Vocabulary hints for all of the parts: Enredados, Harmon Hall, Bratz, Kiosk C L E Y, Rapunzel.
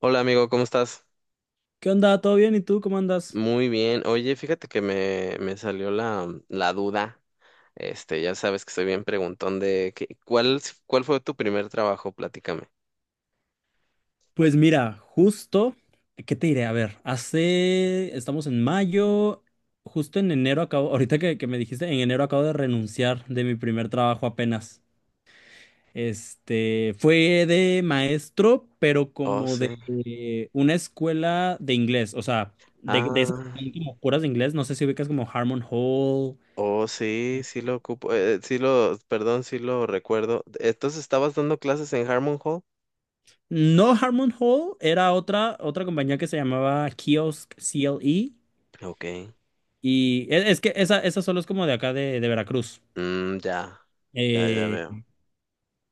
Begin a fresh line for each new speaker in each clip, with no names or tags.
Hola amigo, ¿cómo estás?
¿Qué onda? ¿Todo bien? ¿Y tú cómo andas?
Muy bien. Oye, fíjate que me salió la duda. Ya sabes que soy bien preguntón de ¿cuál fue tu primer trabajo? Platícame.
Pues mira, justo, ¿qué te diré? A ver, estamos en mayo, justo en enero acabo, ahorita que me dijiste, en enero acabo de renunciar de mi primer trabajo apenas. Fue de maestro, pero
Oh,
como
sí.
de una escuela de inglés, o sea, de esas que
Ah,
tienen como puras de inglés, no sé si ubicas como Harmon Hall.
oh, sí, sí lo ocupo. Perdón, sí lo recuerdo. Entonces, ¿estabas dando clases en Harmon Hall?
No, Harmon Hall era otra compañía que se llamaba Kiosk CLE.
Ok.
Y es que esa solo es como de acá de Veracruz.
Mm, ya, ya
Eh,
veo.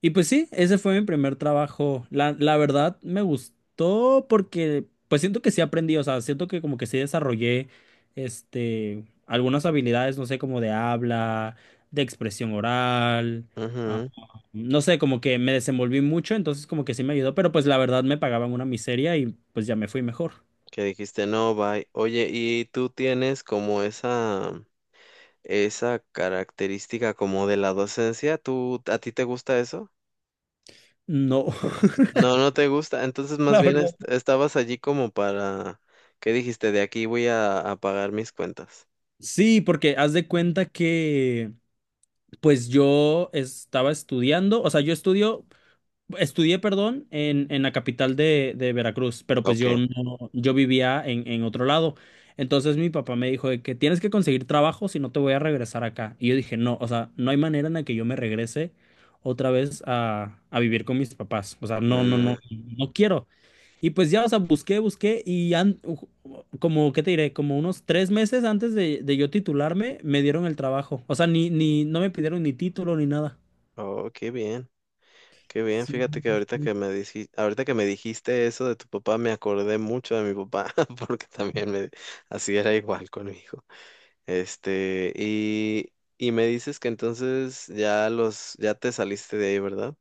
y pues sí, ese fue mi primer trabajo. La verdad me gustó porque pues siento que sí aprendí, o sea, siento que como que sí desarrollé algunas habilidades, no sé, como de habla, de expresión oral, ah,
Ujú.
no sé, como que me desenvolví mucho, entonces como que sí me ayudó, pero pues la verdad me pagaban una miseria y pues ya me fui mejor.
Que dijiste no, bye. Oye, ¿y tú tienes como esa esa característica como de la docencia? ¿Tú, a ti te gusta eso?
No,
No, no te gusta. Entonces, más
la
bien
verdad.
estabas allí como para, ¿qué dijiste? De aquí voy a pagar mis cuentas.
Sí, porque haz de cuenta que pues yo estaba estudiando, o sea, yo estudio, estudié, perdón, en, la capital de Veracruz, pero pues
Ok.
yo no, yo vivía en, otro lado. Entonces mi papá me dijo de que tienes que conseguir trabajo si no te voy a regresar acá. Y yo dije, no, o sea, no hay manera en la que yo me regrese otra vez a, vivir con mis papás. O sea, no, no, no,
Mm.
no quiero. Y pues ya, o sea, busqué, busqué y como, ¿qué te diré? Como unos 3 meses antes de yo titularme, me dieron el trabajo. O sea, ni, ni, no me pidieron ni título ni nada.
Oh, qué bien, qué bien.
Sí.
Fíjate que ahorita que me dijiste, ahorita que me dijiste eso de tu papá, me acordé mucho de mi papá, porque también así era igual conmigo. Y me dices que entonces ya ya te saliste de ahí, ¿verdad?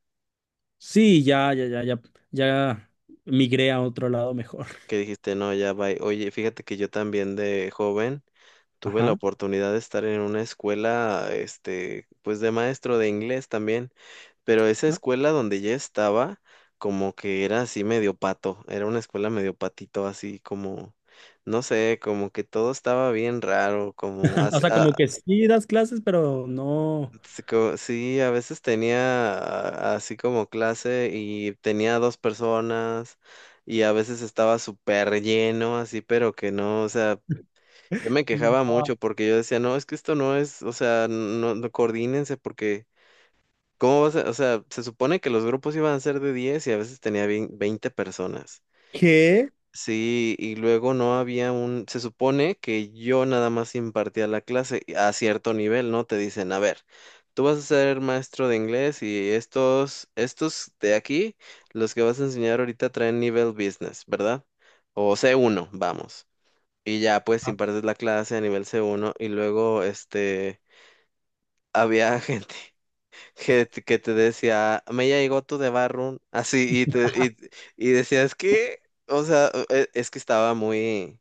Sí, ya, ya, ya, ya, ya migré a otro lado mejor.
Que dijiste, no, ya va. Oye, fíjate que yo también de joven tuve la
Ajá.
oportunidad de estar en una escuela, pues de maestro de inglés también, pero esa escuela donde yo estaba, como que era así medio pato, era una escuela medio patito, así como, no sé, como que todo estaba bien raro,
O sea, como que sí das clases, pero no.
sí, sí, a veces tenía así como clase y tenía dos personas y a veces estaba súper lleno, así, pero que no, o sea, yo me quejaba
No.
mucho porque yo decía, no, es que esto no es, o sea, no coordínense porque, ¿cómo vas a, o sea, se supone que los grupos iban a ser de 10 y a veces tenía 20 personas.
¿Qué?
Sí, y luego no había se supone que yo nada más impartía la clase a cierto nivel, ¿no? Te dicen, a ver, tú vas a ser maestro de inglés y estos de aquí, los que vas a enseñar ahorita traen nivel business, ¿verdad? O C1, vamos. Y ya pues
Ah,
impartes la clase a nivel c uno y luego había gente que te decía, me llegó tu de Barroom, así y te decías que, o sea, e- es que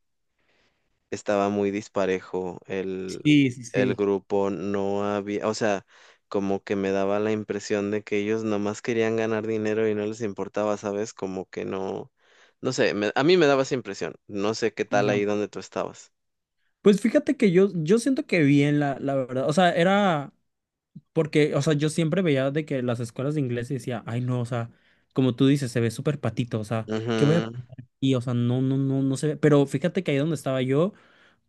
estaba muy disparejo
Sí, sí,
el
sí.
grupo, no había, o sea, como que me daba la impresión de que ellos nomás querían ganar dinero y no les importaba, ¿sabes? Como que no no sé, a mí me daba esa impresión. No sé qué tal
No.
ahí donde tú estabas.
Pues fíjate que yo siento que bien, la verdad. O sea, era. Porque, o sea, yo siempre veía de que las escuelas de inglés y decía, ay, no, o sea, como tú dices, se ve súper patito, o sea, ¿qué voy a y o sea, no, no, no, no se ve? Pero fíjate que ahí donde estaba yo,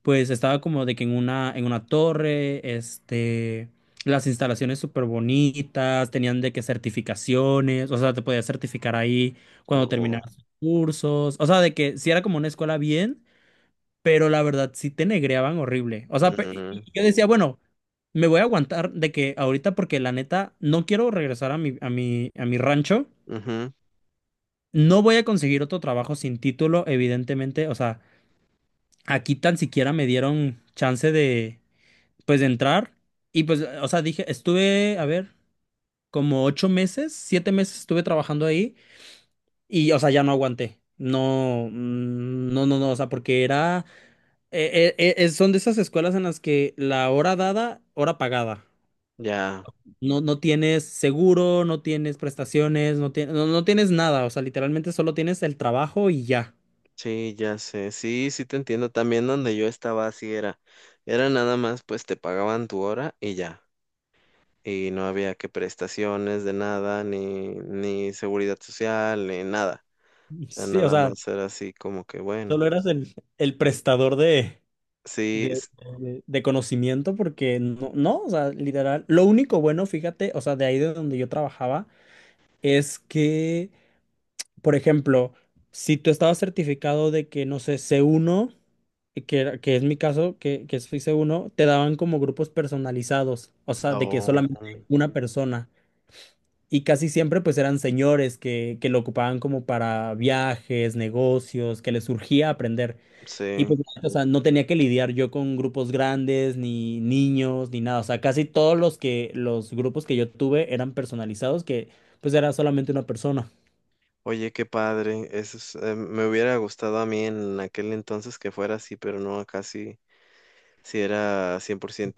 pues estaba como de que en una, torre, las instalaciones súper bonitas, tenían de que certificaciones, o sea, te podías certificar ahí cuando
Ujú.
terminaras tus cursos, o sea, de que si era como una escuela bien, pero la verdad sí te negreaban horrible. O sea,
Mm,
y yo decía, bueno, me voy a aguantar de que ahorita porque la neta no quiero regresar a mi rancho.
ujú,
No voy a conseguir otro trabajo sin título, evidentemente, o sea, aquí tan siquiera me dieron chance de pues de entrar y pues o sea, dije, estuve, a ver, como 8 meses, 7 meses estuve trabajando ahí y o sea, ya no aguanté. No, no, no, no, o sea, porque era son de esas escuelas en las que la hora dada, hora pagada.
ya,
No, no tienes seguro, no tienes prestaciones, no, no, no tienes nada. O sea, literalmente solo tienes el trabajo y ya.
sí, ya sé, sí, sí te entiendo, también donde yo estaba así era, era nada más pues te pagaban tu hora y ya, y no había que prestaciones de nada, ni seguridad social, ni nada, o sea,
Sí, o
nada
sea,
más era así como que bueno,
solo eras el prestador
sí,
de, de conocimiento porque no, no, o sea, literal. Lo único bueno, fíjate, o sea, de ahí de donde yo trabajaba, es que, por ejemplo, si tú estabas certificado de que, no sé, C1 que, que es mi caso, que soy C1, te daban como grupos personalizados, o sea, de que
oh,
solamente una persona. Y casi siempre pues eran señores que lo ocupaban como para viajes, negocios, que les surgía aprender. Y
sí,
pues, o sea, no tenía que lidiar yo con grupos grandes, ni niños, ni nada. O sea, casi todos los que, los grupos que yo tuve eran personalizados, que pues era solamente una persona.
oye, qué padre, eso es, me hubiera gustado a mí en aquel entonces que fuera así, pero no, casi si era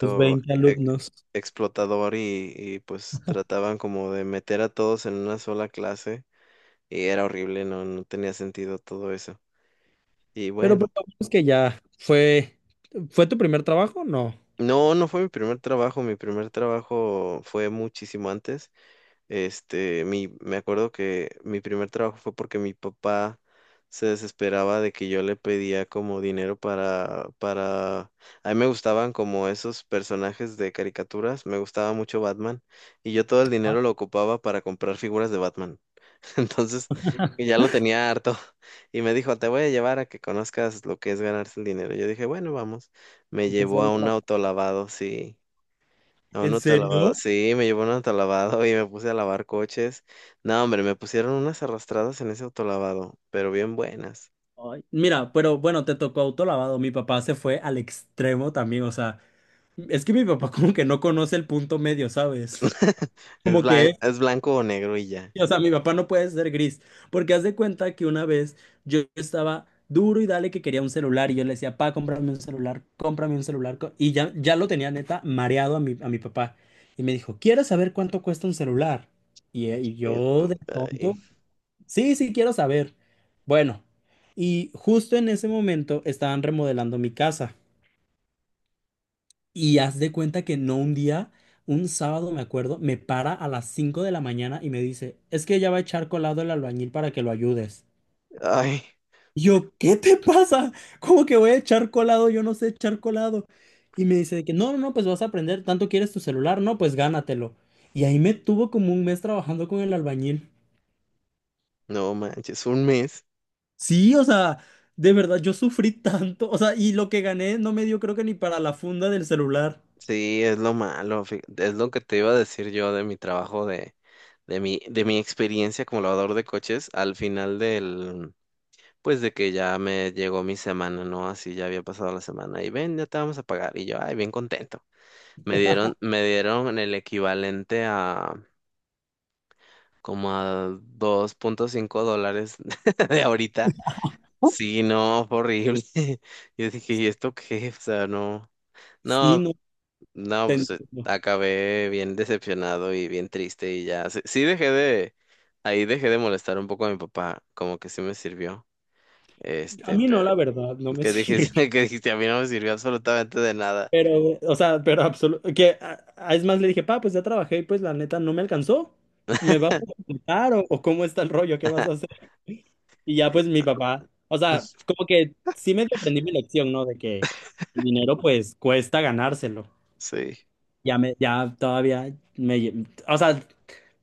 Tus 20
e-
alumnos.
explotador y pues trataban como de meter a todos en una sola clase y era horrible, no, no tenía sentido todo eso. Y
Pero pues
bueno,
lo bueno es que ya fue. ¿Fue tu primer trabajo? No.
no, no fue mi primer trabajo fue muchísimo antes. Me acuerdo que mi primer trabajo fue porque mi papá se desesperaba de que yo le pedía como dinero para a mí me gustaban como esos personajes de caricaturas, me gustaba mucho Batman y yo todo el
Ajá.
dinero lo ocupaba para comprar figuras de Batman. Entonces, y ya lo tenía harto y me dijo, te voy a llevar a que conozcas lo que es ganarse el dinero. Yo dije, bueno, vamos. Me
Lo que es la
llevó a
vida
un
laboral.
autolavado, sí. A un
¿En
autolavado.
serio?
Sí, me llevó a un autolavado y me puse a lavar coches. No, hombre, me pusieron unas arrastradas en ese autolavado, pero bien buenas.
Ay, mira, pero bueno, te tocó autolavado. Mi papá se fue al extremo también, o sea, es que mi papá como que no conoce el punto medio, ¿sabes? Como que,
Es blanco o negro y ya.
o sea, mi papá no puede ser gris, porque haz de cuenta que una vez yo estaba duro y dale que quería un celular y yo le decía, pa, cómprame un celular, y ya lo tenía neta mareado a mi, papá. Y me dijo, ¿quieres saber cuánto cuesta un celular? Y
Es-
yo de
ay,
tonto, sí, sí, quiero saber. Bueno, y justo en ese momento estaban remodelando mi casa. Y haz de cuenta que no un día, un sábado me acuerdo, me para a las 5 de la mañana y me dice, es que ya va a echar colado el albañil para que lo ayudes.
ay,
Y yo, ¿qué te pasa? ¿Cómo que voy a echar colado? Yo no sé echar colado. Y me dice de que no, no, no, pues vas a aprender, tanto quieres tu celular, no, pues gánatelo. Y ahí me tuvo como un mes trabajando con el albañil.
no manches, un mes.
Sí, o sea, de verdad, yo sufrí tanto, o sea, y lo que gané no me dio creo que ni para la funda del celular.
Sí, es lo malo. Es lo que te iba a decir yo de mi trabajo, de de mi experiencia como lavador de coches al final pues de que ya me llegó mi semana, ¿no? Así ya había pasado la semana y ven, ya te vamos a pagar. Y yo, ay, bien contento. Me dieron el equivalente a como a dos punto cinco dólares de ahorita. Sí, no, fue horrible. Yo dije, ¿y esto qué? O sea, no,
Sí,
no,
no,
no,
te entiendo.
acabé bien decepcionado y bien triste y ya. Sí, ahí dejé de molestar un poco a mi papá, como que sí me sirvió.
A mí no,
Pero
la verdad, no me
que dije,
sirve.
que dijiste, a mí no me sirvió absolutamente de nada.
Pero, o sea, pero absoluto. Que es más, le dije, pa, pues ya trabajé y pues la neta no me alcanzó. ¿Me vas a comprar o, cómo está el rollo? ¿Qué vas a hacer? Y ya, pues mi papá, o sea, como que sí me aprendí mi lección, ¿no? De que el dinero, pues cuesta ganárselo.
Sí,
Ya me, ya todavía me. O sea,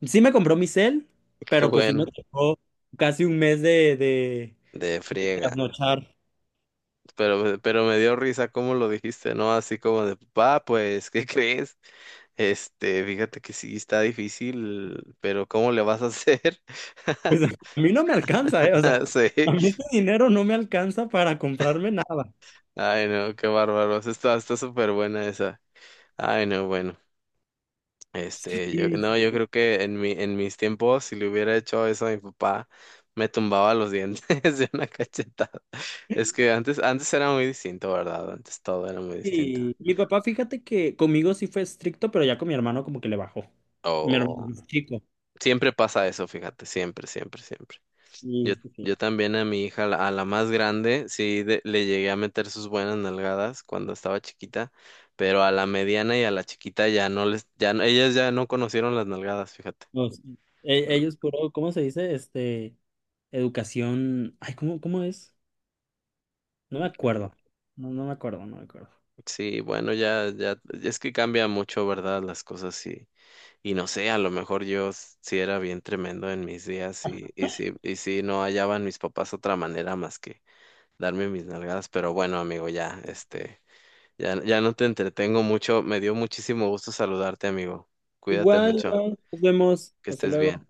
sí me compró mi cel,
qué
pero pues sí me
bueno,
tocó casi un mes de,
de friega.
trasnochar.
Pero me dio risa cómo lo dijiste, ¿no? Así como de, papá, pues, ¿qué crees? Fíjate que sí está difícil, pero ¿cómo le vas a hacer?
Pues a mí no me alcanza, ¿eh? O sea, a
Sí.
mí este dinero no me alcanza para comprarme nada.
Ay, no, qué bárbaro. Sí, está, está súper buena esa. Ay, no, bueno. Este, yo,
Y,
no, yo creo que en en mis tiempos, si le hubiera hecho eso a mi papá, me tumbaba los dientes de una cachetada. Es que antes, antes era muy distinto, ¿verdad? Antes todo era muy distinto.
y mi papá, fíjate que conmigo sí fue estricto, pero ya con mi hermano como que le bajó. Mi hermano es chico.
Siempre pasa eso, fíjate, siempre, siempre, siempre. Yo,
Sí, sí, sí.
yo también a mi hija, a la más grande, le llegué a meter sus buenas nalgadas cuando estaba chiquita, pero a la mediana y a la chiquita ya no ellas ya no conocieron las nalgadas, fíjate.
No, sí. Ellos puro, ¿cómo se dice? Educación. Ay, ¿cómo es? No me acuerdo. No, no me acuerdo, no me acuerdo.
Sí, bueno, ya, es que cambia mucho, ¿verdad? Las cosas y no sé, a lo mejor yo sí era bien tremendo en mis días y, y sí no hallaban mis papás otra manera más que darme mis nalgadas, pero bueno, amigo, ya, este. Ya, ya no te entretengo mucho. Me dio muchísimo gusto saludarte, amigo. Cuídate
Igual,
mucho.
igual, nos vemos.
Que
Hasta
estés bien.
luego.